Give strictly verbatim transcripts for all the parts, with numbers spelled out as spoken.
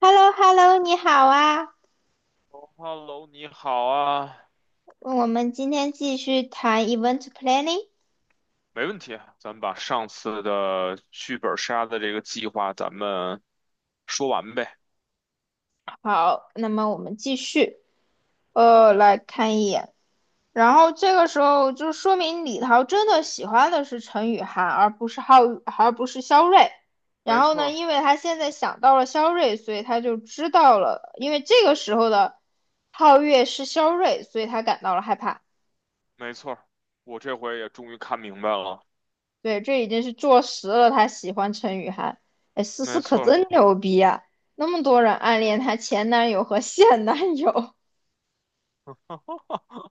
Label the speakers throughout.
Speaker 1: h e l l o h e l l o 你好啊！
Speaker 2: Hello，你好啊，
Speaker 1: 我们今天继续谈 event planning。
Speaker 2: 没问题啊咱们把上次的剧本杀的这个计划咱们说完呗。
Speaker 1: 好，那么我们继续，
Speaker 2: 好的，
Speaker 1: 呃，来看一眼。然后这个时候就说明李桃真的喜欢的是陈雨涵，而不是浩，而不是肖瑞。然
Speaker 2: 没
Speaker 1: 后
Speaker 2: 错
Speaker 1: 呢，
Speaker 2: 儿
Speaker 1: 因为他现在想到了肖瑞，所以他就知道了，因为这个时候的皓月是肖瑞，所以他感到了害怕。
Speaker 2: 没错儿我这回也终于看明白了，
Speaker 1: 对，这已经是坐实了他喜欢陈雨涵。哎，思思
Speaker 2: 没
Speaker 1: 可
Speaker 2: 错儿。
Speaker 1: 真牛逼啊！那么多人暗恋她前男友和现男友，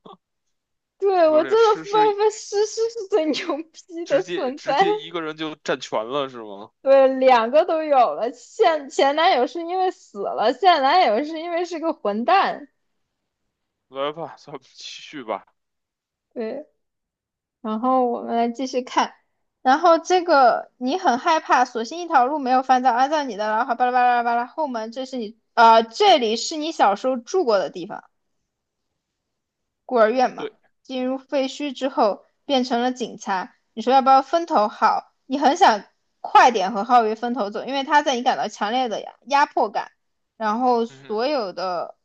Speaker 1: 对，
Speaker 2: 你
Speaker 1: 我
Speaker 2: 说这
Speaker 1: 真的
Speaker 2: 诗
Speaker 1: 发
Speaker 2: 诗
Speaker 1: 发思思是最牛逼的
Speaker 2: 直接
Speaker 1: 存
Speaker 2: 直
Speaker 1: 在。
Speaker 2: 接一个人就占全了是吗？
Speaker 1: 对，两个都有了，现前男友是因为死了，现男友是因为是个混蛋。
Speaker 2: 来吧，咱们继续吧。
Speaker 1: 对，然后我们来继续看，然后这个你很害怕，索性一条路没有翻到，按照你的，然后巴拉巴拉巴拉巴拉后门，这是你，啊，这里是你小时候住过的地方。孤儿院嘛，
Speaker 2: 对，
Speaker 1: 进入废墟之后变成了警察。你说要不要分头好？你很想快点和浩月分头走，因为他在你感到强烈的压迫感，然后
Speaker 2: 嗯，
Speaker 1: 所有的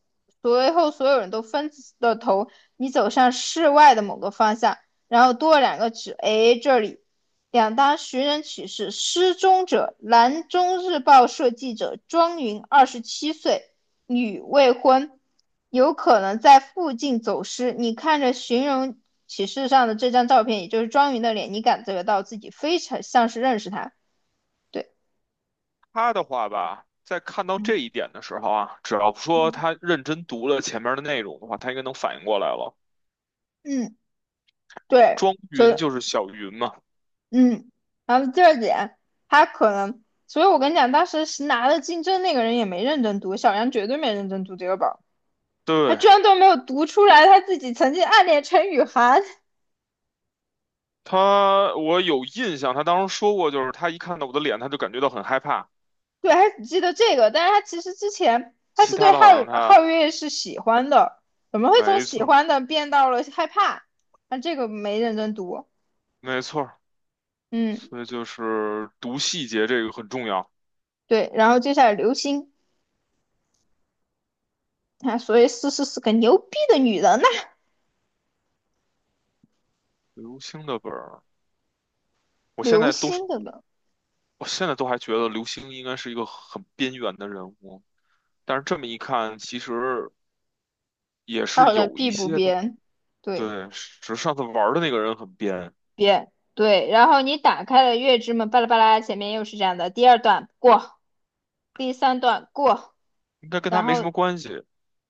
Speaker 1: 随后所有人都分了头，你走向室外的某个方向，然后多了两个指，哎，这里。两当寻人启事，失踪者，兰州日报社记者庄云，二十七岁，女，未婚，有可能在附近走失。你看着寻人启事上的这张照片，也就是庄云的脸，你感觉到自己非常像是认识他。对，
Speaker 2: 他的话吧，在看到这
Speaker 1: 嗯
Speaker 2: 一点的时候啊，只要说
Speaker 1: 嗯
Speaker 2: 他认真读了前面的内容的话，他应该能反应过来了。
Speaker 1: 嗯，对，
Speaker 2: 庄云
Speaker 1: 所
Speaker 2: 就是小云嘛。
Speaker 1: 嗯，然后第二点，他可能，所以我跟你讲，当时是拿了金争那个人也没认真读，小杨绝对没认真读这个本儿他
Speaker 2: 对，
Speaker 1: 居然都没有读出来他自己曾经暗恋陈雨涵。
Speaker 2: 他，我有印象，他当时说过，就是他一看到我的脸，他就感觉到很害怕。
Speaker 1: 对，还记得这个，但是他其实之前他
Speaker 2: 其
Speaker 1: 是对
Speaker 2: 他的好
Speaker 1: 皓
Speaker 2: 像他，
Speaker 1: 皓月是喜欢的，怎么会从
Speaker 2: 没
Speaker 1: 喜
Speaker 2: 错儿
Speaker 1: 欢的变到了害怕？那这个没认真读，
Speaker 2: 没错儿
Speaker 1: 嗯，
Speaker 2: 所以就是读细节这个很重要。
Speaker 1: 对，然后接下来流星啊，所以思思是个牛逼的女人呐、
Speaker 2: 刘星的本儿，我现
Speaker 1: 流
Speaker 2: 在都是，
Speaker 1: 星的呢，
Speaker 2: 我现在都还觉得刘星应该是一个很边缘的人物，但是这么一看，其实也
Speaker 1: 他
Speaker 2: 是
Speaker 1: 好像
Speaker 2: 有
Speaker 1: 必
Speaker 2: 一
Speaker 1: 不
Speaker 2: 些的。
Speaker 1: 编，对，
Speaker 2: 对，只是上次玩儿的那个人很边，
Speaker 1: 编对，然后你打开了月之门，巴拉巴拉，前面又是这样的，第二段过，第三段过，
Speaker 2: 应该跟他
Speaker 1: 然
Speaker 2: 没什
Speaker 1: 后
Speaker 2: 么关系。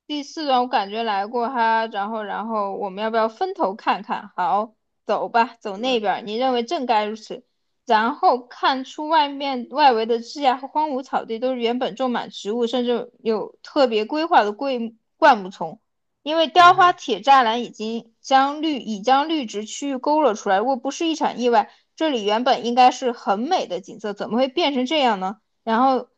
Speaker 1: 第四段我感觉来过哈，然后然后我们要不要分头看看？好，走吧，走那
Speaker 2: 对，
Speaker 1: 边儿。你认为正该如此。然后看出外面外围的枝桠和荒芜草地都是原本种满植物，甚至有特别规划的桂木灌木丛，因为
Speaker 2: 嗯
Speaker 1: 雕花
Speaker 2: 哼，
Speaker 1: 铁栅栏已经将绿已将绿植区域勾勒出来。如果不是一场意外，这里原本应该是很美的景色，怎么会变成这样呢？然后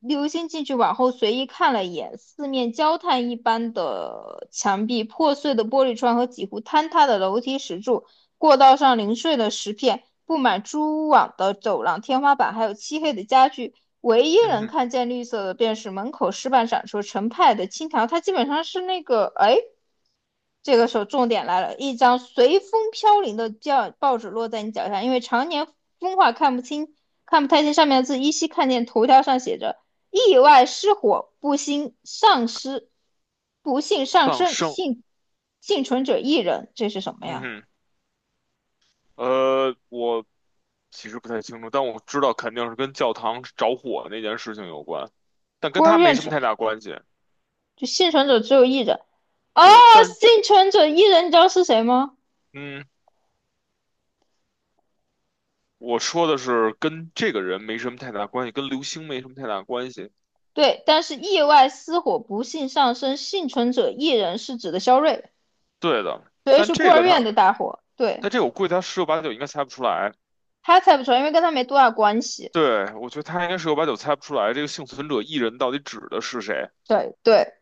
Speaker 1: 刘星进去往后随意看了一眼，四面焦炭一般的墙壁、破碎的玻璃窗和几乎坍塌的楼梯石柱，过道上零碎的石片，布满蛛网的走廊、天花板，还有漆黑的家具。唯一
Speaker 2: 嗯
Speaker 1: 能
Speaker 2: 哼，
Speaker 1: 看见绿色的，便是门口石板闪烁成派的青条。它基本上是那个，哎。这个时候重点来了，一张随风飘零的教报纸落在你脚下，因为常年风化看不清，看不太清上面的字，依稀看见头条上写着"意外失火，不幸丧失，不幸丧
Speaker 2: 丧
Speaker 1: 生，
Speaker 2: 生。
Speaker 1: 幸幸存者一人"，这是什么
Speaker 2: 嗯
Speaker 1: 呀？
Speaker 2: 哼，呃，我其实不太清楚，但我知道肯定是跟教堂着火那件事情有关，但
Speaker 1: 孤
Speaker 2: 跟
Speaker 1: 儿
Speaker 2: 他没
Speaker 1: 院
Speaker 2: 什么
Speaker 1: 者
Speaker 2: 太大关系。
Speaker 1: 就幸存者只有一人哦，
Speaker 2: 对，但
Speaker 1: 幸存者一人，你知道是谁吗？
Speaker 2: 嗯，我说的是跟这个人没什么太大关系，跟流星没什么太大关系。
Speaker 1: 对，但是意外失火，不幸丧生，幸存者一人是指的肖瑞，
Speaker 2: 对的，
Speaker 1: 所以
Speaker 2: 但
Speaker 1: 是孤
Speaker 2: 这
Speaker 1: 儿
Speaker 2: 个
Speaker 1: 院
Speaker 2: 他，
Speaker 1: 的大火。对。
Speaker 2: 但这个我估计他十有八九应该猜不出来。
Speaker 1: 他猜不出来，因为跟他没多大关系。
Speaker 2: 对，我觉得他应该十有八九猜不出来这个幸存者 E 人到底指的是谁。
Speaker 1: 对对，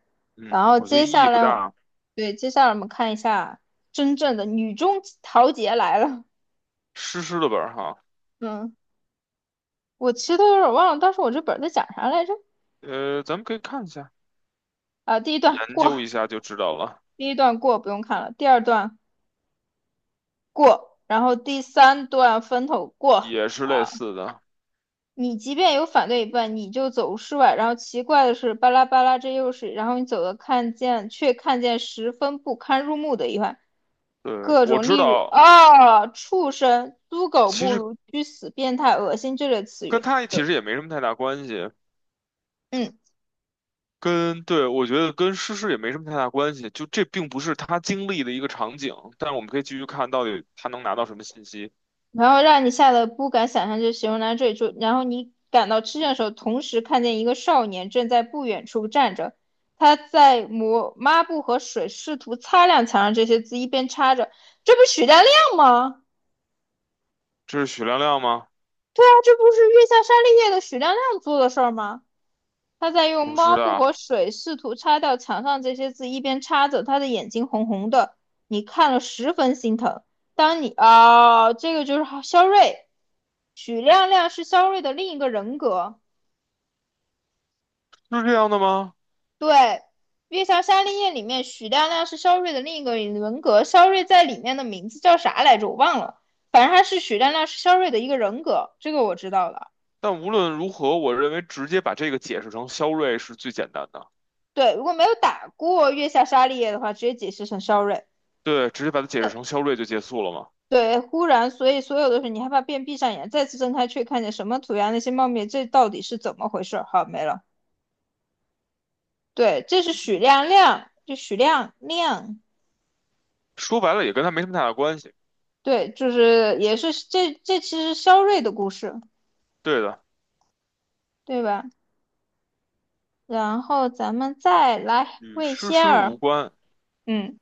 Speaker 1: 然
Speaker 2: 嗯，
Speaker 1: 后
Speaker 2: 我觉得
Speaker 1: 接
Speaker 2: 意义
Speaker 1: 下
Speaker 2: 不
Speaker 1: 来，
Speaker 2: 大，
Speaker 1: 对，接下来我们看一下真正的女中豪杰来了。
Speaker 2: 湿湿的本儿哈。
Speaker 1: 嗯，我其实都有点忘了，当时我这本儿在讲啥来着？
Speaker 2: 呃，咱们可以看一下，
Speaker 1: 啊，第一段
Speaker 2: 研
Speaker 1: 过，
Speaker 2: 究一下就知道了。
Speaker 1: 第一段过，不用看了。第二段过，然后第三段分头过。
Speaker 2: 也是类
Speaker 1: 好。
Speaker 2: 似的。
Speaker 1: 你即便有反对一半，你就走室外。然后奇怪的是，巴拉巴拉，这又是。然后你走的看见，却看见十分不堪入目的一环，
Speaker 2: 对，
Speaker 1: 各
Speaker 2: 我
Speaker 1: 种
Speaker 2: 知
Speaker 1: 例如
Speaker 2: 道，
Speaker 1: 啊、畜生、猪狗
Speaker 2: 其
Speaker 1: 不
Speaker 2: 实
Speaker 1: 如、居死、变态、恶心这类词
Speaker 2: 跟
Speaker 1: 语。
Speaker 2: 他其实也没什么太大关系，
Speaker 1: 嗯，
Speaker 2: 跟，对，我觉得跟诗诗也没什么太大关系，就这并不是他经历的一个场景，但是我们可以继续看到底他能拿到什么信息。
Speaker 1: 然后让你吓得不敢想象，就形容到这里就。然后你感到吃惊的时候，同时看见一个少年正在不远处站着，他在抹抹布和水，试图擦亮墙上这些字，一边擦着。这不是许大亮吗？
Speaker 2: 这是许亮亮吗？
Speaker 1: 对啊，这不是月下沙利叶的许亮亮做的事儿吗？他在用
Speaker 2: 不是
Speaker 1: 抹布和
Speaker 2: 的，
Speaker 1: 水试图擦掉墙上这些字，一边擦着，他的眼睛红红的，你看了十分心疼。当你啊、哦这个就是肖瑞，许亮亮是肖瑞的另一个人格。
Speaker 2: 是这样的吗？
Speaker 1: 对，月下沙利叶里面许亮亮是肖瑞的另一个人格，肖瑞在里面的名字叫啥来着？我忘了，反正他是许亮亮是肖瑞的一个人格，这个我知道了。
Speaker 2: 但无论如何，我认为直接把这个解释成肖瑞是最简单的。
Speaker 1: 对，如果没有打过月下沙利叶的话，直接解释成肖瑞。
Speaker 2: 对，直接把它解释成肖瑞就结束了嘛。
Speaker 1: 对，忽然，所以所有的是你害怕便闭上眼，再次睁开却看见什么涂鸦那些茂密，这到底是怎么回事？好，没了。对，这是许亮亮，就许亮亮，
Speaker 2: 说白了也跟他没什么太大关系。
Speaker 1: 对，就是也是这这其实肖瑞的故事，
Speaker 2: 对的，
Speaker 1: 对吧？然后咱们再来
Speaker 2: 与
Speaker 1: 魏
Speaker 2: 诗
Speaker 1: 仙
Speaker 2: 诗
Speaker 1: 儿，
Speaker 2: 无关。
Speaker 1: 嗯，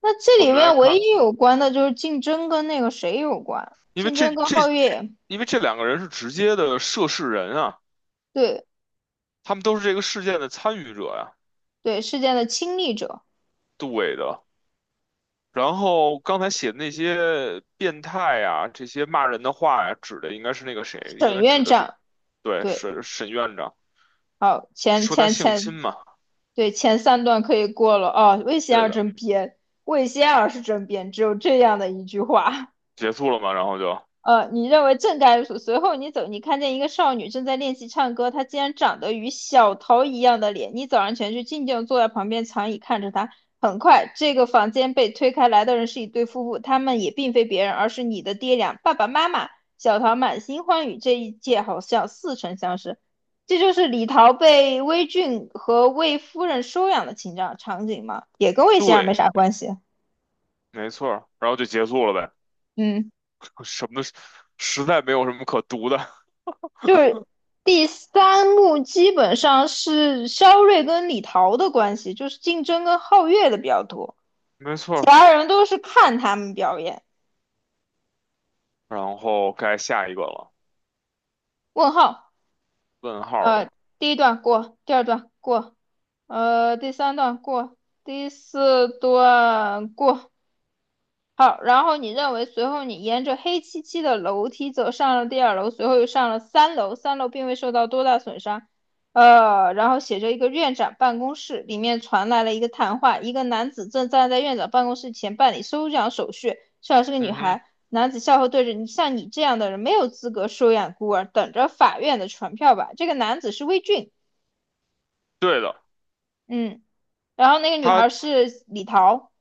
Speaker 1: 那这
Speaker 2: 我
Speaker 1: 里
Speaker 2: 们来
Speaker 1: 面唯
Speaker 2: 看。
Speaker 1: 一有关的就是竞争跟那个谁有关，
Speaker 2: 因为
Speaker 1: 竞
Speaker 2: 这
Speaker 1: 争跟
Speaker 2: 这，
Speaker 1: 皓月，
Speaker 2: 因为这两个人是直接的涉事人啊，
Speaker 1: 对
Speaker 2: 他们都是这个事件的参与者呀、
Speaker 1: 对，事件的亲历者，
Speaker 2: 对的。然后刚才写的那些变态呀、这些骂人的话呀、指的应该是那个谁，应
Speaker 1: 沈
Speaker 2: 该指
Speaker 1: 院
Speaker 2: 的是
Speaker 1: 长，
Speaker 2: 对
Speaker 1: 对，
Speaker 2: 沈沈院长
Speaker 1: 好，前
Speaker 2: 说他
Speaker 1: 前
Speaker 2: 性侵
Speaker 1: 前，
Speaker 2: 嘛，
Speaker 1: 对，前三段可以过了。哦，魏仙
Speaker 2: 对
Speaker 1: 儿
Speaker 2: 的，
Speaker 1: 真编，魏仙儿是真编，只有这样的一句话。
Speaker 2: 结束了嘛，然后就
Speaker 1: 呃，你认为正该如此。随后你走，你看见一个少女正在练习唱歌，她竟然长得与小桃一样的脸。你走上前去，静静坐在旁边长椅看着她。很快，这个房间被推开，来的人是一对夫妇，他们也并非别人，而是你的爹娘爸爸妈妈。小桃满心欢愉，这一切好像似曾相识。这就是李桃被魏俊和魏夫人收养的情景场景吗？也跟魏先生没
Speaker 2: 对，
Speaker 1: 啥关系。
Speaker 2: 没错儿，然后就结束了呗，
Speaker 1: 嗯。
Speaker 2: 什么实在没有什么可读的，
Speaker 1: 就是第三幕基本上是肖瑞跟李桃的关系，就是竞争跟皓月的比较多，
Speaker 2: 没错
Speaker 1: 其
Speaker 2: 儿。
Speaker 1: 他人都是看他们表演。
Speaker 2: 然后该下一个了，
Speaker 1: 问号，
Speaker 2: 问号
Speaker 1: 呃，
Speaker 2: 了，
Speaker 1: 第一段过，第二段过，呃，第三段过，第四段过，好，然后你认为，随后你沿着黑漆漆的楼梯走上了第二楼，随后又上了三楼，三楼并未受到多大损伤。呃，然后写着一个院长办公室，里面传来了一个谈话，一个男子正站在院长办公室前办理收养手续，收养是个女
Speaker 2: 嗯哼，
Speaker 1: 孩。男子笑后对着你，像你这样的人没有资格收养孤儿，等着法院的传票吧。这个男子是魏俊，
Speaker 2: 对的。
Speaker 1: 嗯，然后那个女
Speaker 2: 他。
Speaker 1: 孩是李桃，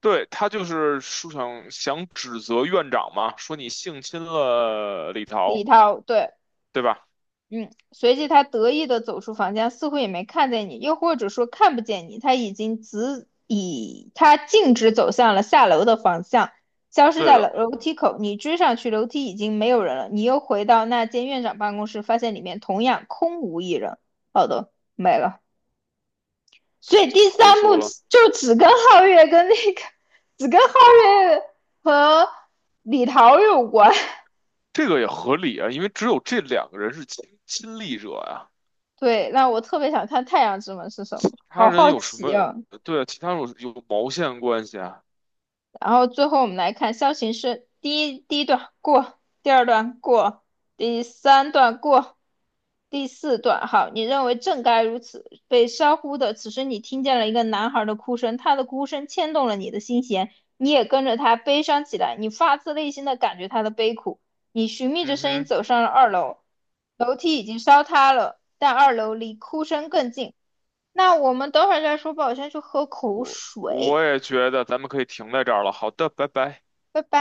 Speaker 2: 对，他就是说想想指责院长嘛，说你性侵了李
Speaker 1: 李
Speaker 2: 桃，
Speaker 1: 桃，对。
Speaker 2: 对吧？
Speaker 1: 嗯，随即他得意地走出房间，似乎也没看见你，又或者说看不见你。他已经直以他径直走向了下楼的方向，消失
Speaker 2: 对
Speaker 1: 在
Speaker 2: 的，
Speaker 1: 了楼梯口。你追上去，楼梯已经没有人了。你又回到那间院长办公室，发现里面同样空无一人。好的，没了。所以第
Speaker 2: 结
Speaker 1: 三幕
Speaker 2: 束了，
Speaker 1: 就只跟皓月跟那个，只跟皓月和李桃有关。
Speaker 2: 这个也合理啊，因为只有这两个人是亲亲历者呀、
Speaker 1: 对，那我特别想看太阳之门是什么，
Speaker 2: 他
Speaker 1: 好
Speaker 2: 人
Speaker 1: 好
Speaker 2: 有什
Speaker 1: 奇
Speaker 2: 么？
Speaker 1: 啊。
Speaker 2: 对啊，其他人有有毛线关系啊？
Speaker 1: 然后最后我们来看象形是第一第一段过，第二段过，第三段过，第四段好，你认为正该如此，被烧忽的。此时你听见了一个男孩的哭声，他的哭声牵动了你的心弦，你也跟着他悲伤起来，你发自内心的感觉他的悲苦。你寻觅着
Speaker 2: 嗯
Speaker 1: 声音
Speaker 2: 哼，
Speaker 1: 走上了二楼，楼梯已经烧塌了，但二楼离哭声更近。那我们等会儿再说吧，我先去喝口
Speaker 2: 我
Speaker 1: 水，
Speaker 2: 也觉得咱们可以停在这儿了。好的，拜拜。
Speaker 1: 拜拜。